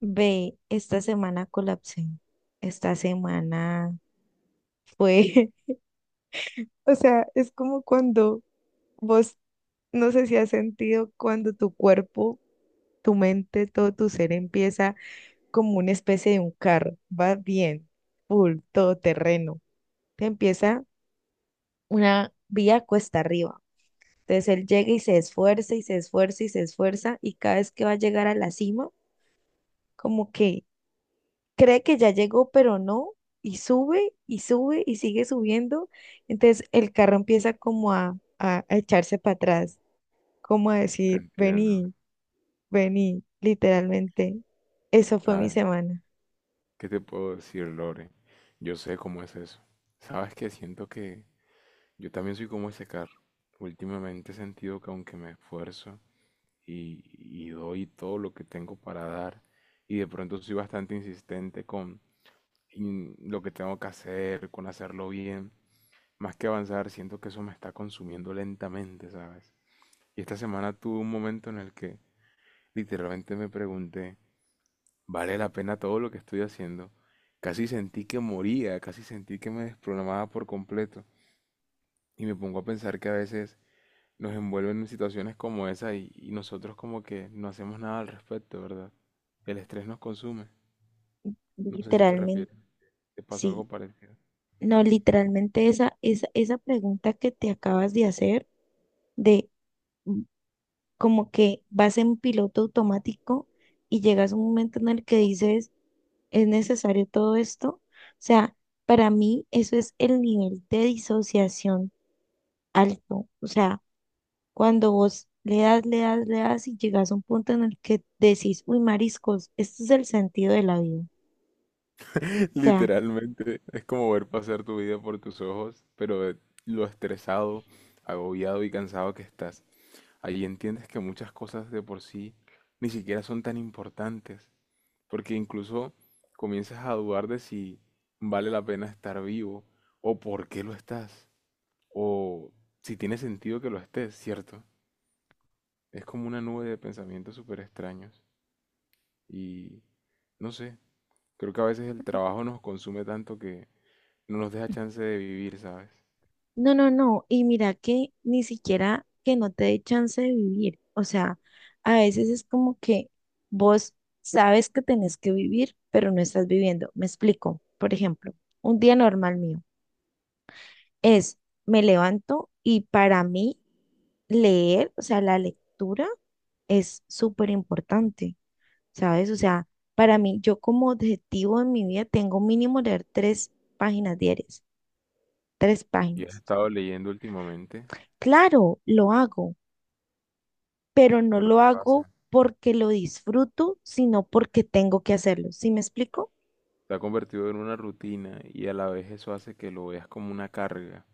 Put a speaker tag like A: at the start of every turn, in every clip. A: Ve, esta semana colapsé. Esta semana fue, o sea, es como cuando vos, no sé si has sentido cuando tu cuerpo, tu mente, todo tu ser empieza como una especie de un carro, va bien, full, todoterreno. Te empieza una vía cuesta arriba. Entonces él llega y se esfuerza y se esfuerza y se esfuerza y cada vez que va a llegar a la cima, como que cree que ya llegó, pero no, y sube y sube y sigue subiendo. Entonces el carro empieza como a echarse para atrás, como a
B: Te
A: decir,
B: entiendo.
A: vení, vení, literalmente. Eso fue mi
B: Ay,
A: semana.
B: ¿qué te puedo decir, Lore? Yo sé cómo es eso. Sabes que siento que yo también soy como ese carro. Últimamente he sentido que aunque me esfuerzo y doy todo lo que tengo para dar, y de pronto soy bastante insistente con lo que tengo que hacer, con hacerlo bien, más que avanzar, siento que eso me está consumiendo lentamente, ¿sabes? Y esta semana tuve un momento en el que literalmente me pregunté, ¿vale la pena todo lo que estoy haciendo? Casi sentí que moría, casi sentí que me desprogramaba por completo. Y me pongo a pensar que a veces nos envuelven en situaciones como esa y nosotros como que no hacemos nada al respecto, ¿verdad? El estrés nos consume. No sé si te
A: Literalmente,
B: refieres, te pasó
A: sí.
B: algo parecido.
A: No, literalmente esa pregunta que te acabas de hacer, de mm, como que vas en piloto automático y llegas a un momento en el que dices, ¿es necesario todo esto? O sea, para mí eso es el nivel de disociación alto. O sea, cuando vos le das, le das, le das y llegas a un punto en el que decís, uy, mariscos, ¿este es el sentido de la vida? O sea,
B: Literalmente es como ver pasar tu vida por tus ojos, pero de lo estresado, agobiado y cansado que estás. Ahí entiendes que muchas cosas de por sí ni siquiera son tan importantes, porque incluso comienzas a dudar de si vale la pena estar vivo, o por qué lo estás, o si tiene sentido que lo estés, ¿cierto? Es como una nube de pensamientos súper extraños y no sé, creo que a veces el trabajo nos consume tanto que no nos deja chance de vivir, ¿sabes?
A: no, no, no. Y mira que ni siquiera que no te dé chance de vivir. O sea, a veces es como que vos sabes que tenés que vivir, pero no estás viviendo. Me explico. Por ejemplo, un día normal mío es, me levanto y para mí leer, o sea, la lectura es súper importante, ¿sabes? O sea, para mí, yo como objetivo en mi vida tengo mínimo leer tres páginas diarias, tres
B: ¿Y has
A: páginas.
B: estado leyendo últimamente?
A: Claro, lo hago, pero no
B: Pero
A: lo
B: ¿qué
A: hago
B: pasa?
A: porque lo disfruto, sino porque tengo que hacerlo. ¿Sí me explico?
B: Se ha convertido en una rutina y a la vez eso hace que lo veas como una carga.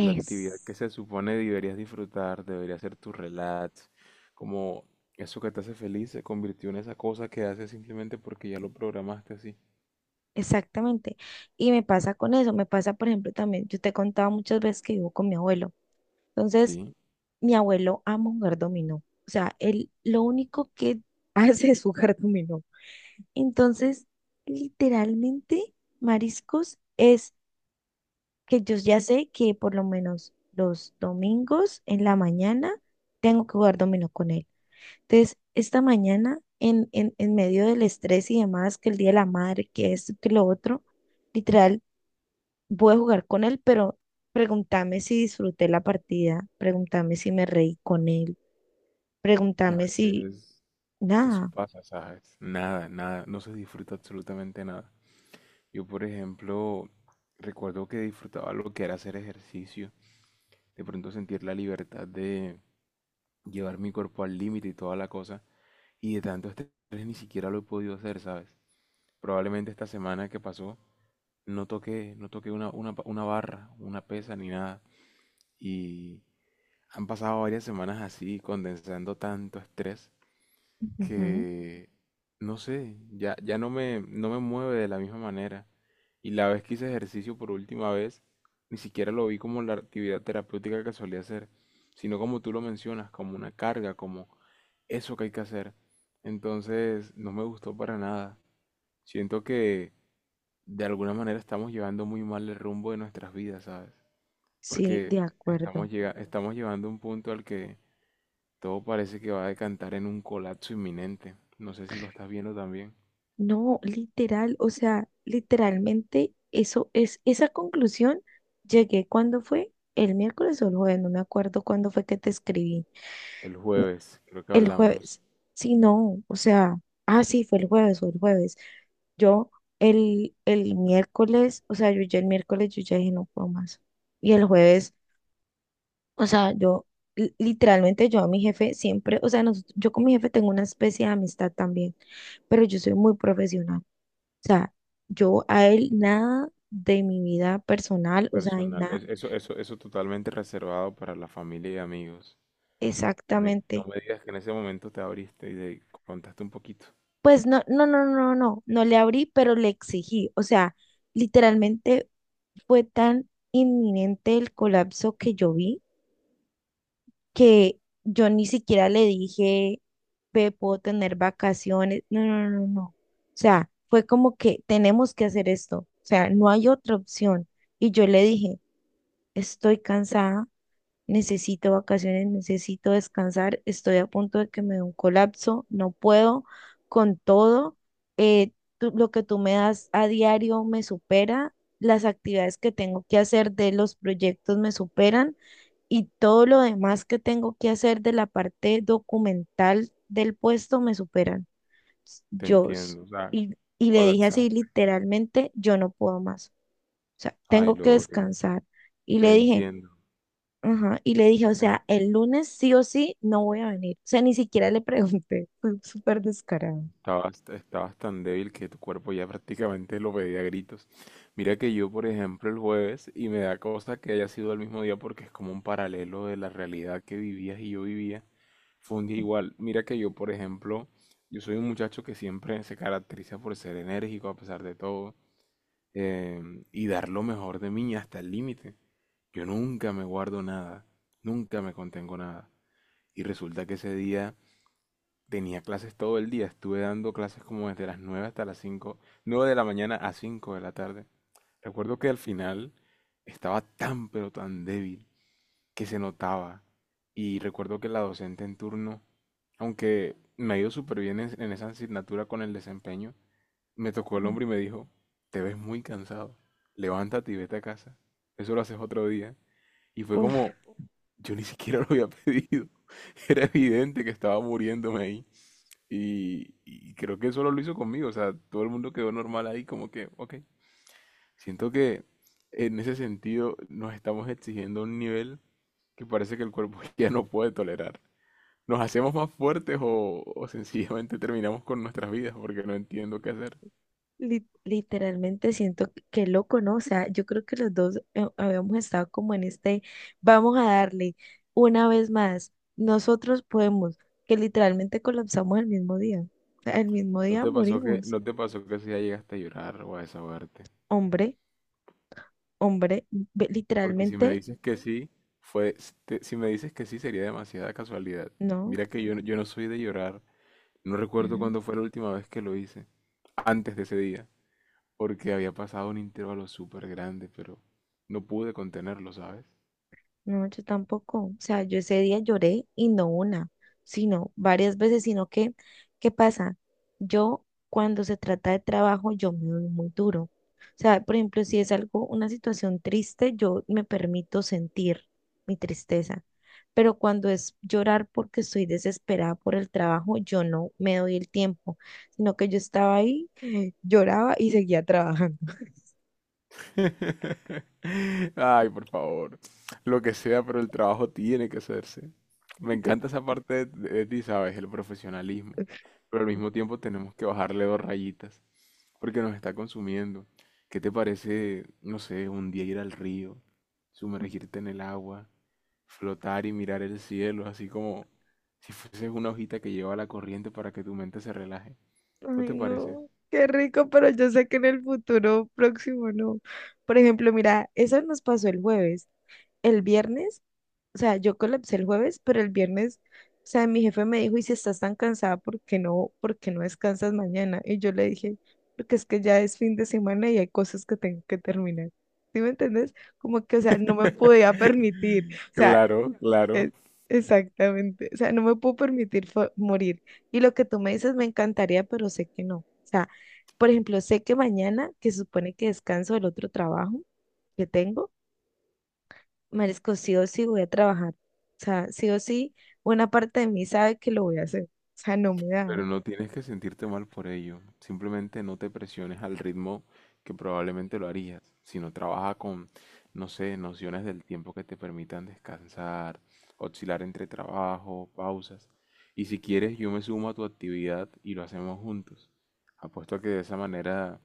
B: La actividad que se supone deberías disfrutar, debería ser tu relax, como eso que te hace feliz se convirtió en esa cosa que haces simplemente porque ya lo programaste así.
A: Exactamente. Y me pasa con eso, me pasa, por ejemplo, también, yo te he contado muchas veces que vivo con mi abuelo. Entonces,
B: Sí,
A: mi abuelo ama jugar dominó. O sea, él lo único que hace es jugar dominó. Entonces, literalmente, mariscos es que yo ya sé que por lo menos los domingos en la mañana tengo que jugar dominó con él. Entonces, esta mañana, en medio del estrés y demás, que el Día de la Madre, que esto, que lo otro, literal, voy a jugar con él, pero pregúntame si disfruté la partida, pregúntame si me reí con él.
B: a
A: Pregúntame si,
B: veces eso
A: nada.
B: pasa, ¿sabes? Nada, nada, no se disfruta absolutamente nada. Yo, por ejemplo, recuerdo que disfrutaba lo que era hacer ejercicio, de pronto sentir la libertad de llevar mi cuerpo al límite y toda la cosa, y de tanto estrés ni siquiera lo he podido hacer, ¿sabes? Probablemente esta semana que pasó no toqué una barra, una pesa ni nada. Y han pasado varias semanas así, condensando tanto estrés
A: Ujú.
B: que, no sé, ya no me mueve de la misma manera. Y la vez que hice ejercicio por última vez, ni siquiera lo vi como la actividad terapéutica que solía hacer, sino como tú lo mencionas, como una carga, como eso que hay que hacer. Entonces, no me gustó para nada. Siento que de alguna manera estamos llevando muy mal el rumbo de nuestras vidas, ¿sabes?
A: Sí,
B: Porque
A: de acuerdo.
B: estamos llevando un punto al que todo parece que va a decantar en un colapso inminente. No sé si lo estás viendo también.
A: No, literal, o sea, literalmente eso es, esa conclusión llegué cuando fue el miércoles o el jueves, no me acuerdo cuándo fue que te escribí.
B: El
A: No,
B: jueves, creo que
A: el
B: hablamos
A: jueves, sí, no, o sea, ah, sí, fue el jueves o el jueves. Yo el miércoles, o sea, yo ya el miércoles yo ya dije no puedo más. Y el jueves, o sea, yo literalmente yo a mi jefe siempre, o sea, yo con mi jefe tengo una especie de amistad también, pero yo soy muy profesional. O sea, yo a él nada de mi vida personal, o sea, y
B: personal.
A: nada
B: Eso, eso, eso totalmente reservado para la familia y amigos. No
A: exactamente.
B: me digas que en ese momento te abriste y te contaste un poquito.
A: Pues no, no, no, no, no, no le abrí, pero le exigí. O sea, literalmente fue tan inminente el colapso que yo vi que yo ni siquiera le dije, ve, puedo tener vacaciones. No, no, no, no. O sea, fue como que tenemos que hacer esto. O sea, no hay otra opción. Y yo le dije, estoy cansada, necesito vacaciones, necesito descansar, estoy a punto de que me dé un colapso, no puedo con todo. eh, tú- lo que tú me das a diario me supera, las actividades que tengo que hacer de los proyectos me superan y todo lo demás que tengo que hacer de la parte documental del puesto me superan.
B: Te
A: Yo, s-
B: entiendo, o sea,
A: y le dije
B: colapsar.
A: así literalmente, yo no puedo más. O sea,
B: Ay,
A: tengo que
B: Lore,
A: descansar. Y
B: te
A: le dije,
B: entiendo.
A: ajá, y le dije, o sea, el lunes sí o sí no voy a venir. O sea, ni siquiera le pregunté. Fue súper descarado.
B: Estabas tan débil que tu cuerpo ya prácticamente lo pedía a gritos. Mira que yo, por ejemplo, el jueves, y me da cosa que haya sido el mismo día porque es como un paralelo de la realidad que vivías y yo vivía, fue un día igual. Mira que yo, por ejemplo, yo soy un muchacho que siempre se caracteriza por ser enérgico a pesar de todo, y dar lo mejor de mí hasta el límite. Yo nunca me guardo nada, nunca me contengo nada. Y resulta que ese día... Tenía clases todo el día, estuve dando clases como desde las 9 hasta las 5, 9 de la mañana a 5 de la tarde. Recuerdo que al final estaba tan pero tan débil que se notaba. Y recuerdo que la docente en turno, aunque me ha ido súper bien en esa asignatura con el desempeño, me tocó el
A: Mm.
B: hombro y me dijo, te ves muy cansado, levántate y vete a casa, eso lo haces otro día. Y fue
A: Uf.
B: como, yo ni siquiera lo había pedido, era evidente que estaba muriéndome ahí. Y creo que solo lo hizo conmigo, o sea, todo el mundo quedó normal ahí, como que, ok. Siento que en ese sentido nos estamos exigiendo un nivel que parece que el cuerpo ya no puede tolerar. ¿Nos hacemos más fuertes o sencillamente terminamos con nuestras vidas porque no entiendo qué hacer?
A: Literalmente siento que qué loco, ¿no? O sea, yo creo que los dos habíamos estado como en este, vamos a darle una vez más, nosotros podemos, que literalmente colapsamos el mismo día. O sea, el mismo
B: ¿No
A: día
B: te pasó que,
A: morimos.
B: no te pasó que si ya llegaste a llorar o a desahogarte?
A: Hombre, hombre,
B: Porque si me
A: literalmente,
B: dices que sí, fue, si me dices que sí sería demasiada casualidad.
A: no.
B: Mira que yo, yo no soy de llorar. No recuerdo cuándo fue la última vez que lo hice antes de ese día, porque había pasado un intervalo súper grande, pero no pude contenerlo, ¿sabes?
A: No, yo tampoco. O sea, yo ese día lloré y no una, sino varias veces, sino que, ¿qué pasa? Yo cuando se trata de trabajo, yo me doy muy duro. O sea, por ejemplo, si es algo, una situación triste, yo me permito sentir mi tristeza. Pero cuando es llorar porque estoy desesperada por el trabajo, yo no me doy el tiempo, sino que yo estaba ahí, lloraba y seguía trabajando.
B: Ay, por favor, lo que sea, pero el trabajo tiene que hacerse. Me encanta esa parte de ti, ¿sabes? El profesionalismo, pero al mismo tiempo tenemos que bajarle dos rayitas porque nos está consumiendo. ¿Qué te parece, no sé, un día ir al río, sumergirte en el agua, flotar y mirar el cielo, así como si fueses una hojita que lleva la corriente para que tu mente se relaje? ¿No
A: Ay,
B: te parece?
A: no, qué rico, pero yo sé que en el futuro próximo no. Por ejemplo, mira, eso nos pasó el jueves. El viernes, o sea, yo colapsé el jueves, pero el viernes, o sea, mi jefe me dijo, y si estás tan cansada, por qué no descansas mañana? Y yo le dije, porque es que ya es fin de semana y hay cosas que tengo que terminar. ¿Sí me entiendes? Como que, o sea, no me podía permitir. O sea,
B: Claro, claro.
A: e- Exactamente. O sea, no me puedo permitir fo- morir. Y lo que tú me dices me encantaría, pero sé que no. O sea, por ejemplo, sé que mañana, que se supone que descanso del otro trabajo que tengo, merezco sí o sí voy a trabajar. O sea, sí o sí, buena parte de mí sabe que lo voy a hacer. O sea, no me da.
B: Pero no tienes que sentirte mal por ello. Simplemente no te presiones al ritmo que probablemente lo harías, sino trabaja con, no sé, nociones del tiempo que te permitan descansar, oscilar entre trabajo, pausas. Y si quieres, yo me sumo a tu actividad y lo hacemos juntos. Apuesto a que de esa manera,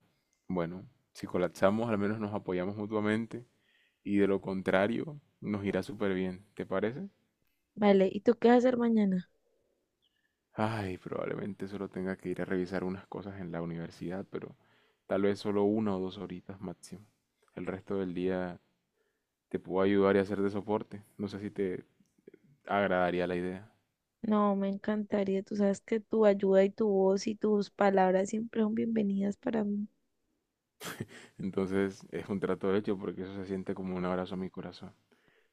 B: bueno, si colapsamos, al menos nos apoyamos mutuamente y de lo contrario, nos irá súper bien. ¿Te parece?
A: Vale, ¿y tú qué vas a hacer mañana?
B: Ay, probablemente solo tenga que ir a revisar unas cosas en la universidad, pero tal vez solo una o dos horitas máximo. El resto del día te puedo ayudar y hacer de soporte. No sé si te agradaría la idea.
A: No, me encantaría. Tú sabes que tu ayuda y tu voz y tus palabras siempre son bienvenidas para mí.
B: Entonces es un trato hecho porque eso se siente como un abrazo a mi corazón.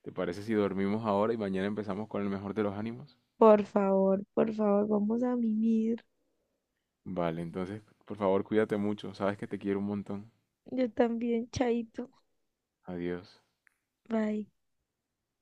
B: ¿Te parece si dormimos ahora y mañana empezamos con el mejor de los ánimos?
A: Por favor, vamos a mimir.
B: Vale, entonces por favor cuídate mucho. Sabes que te quiero un montón.
A: Yo también, chaito.
B: Adiós.
A: Bye.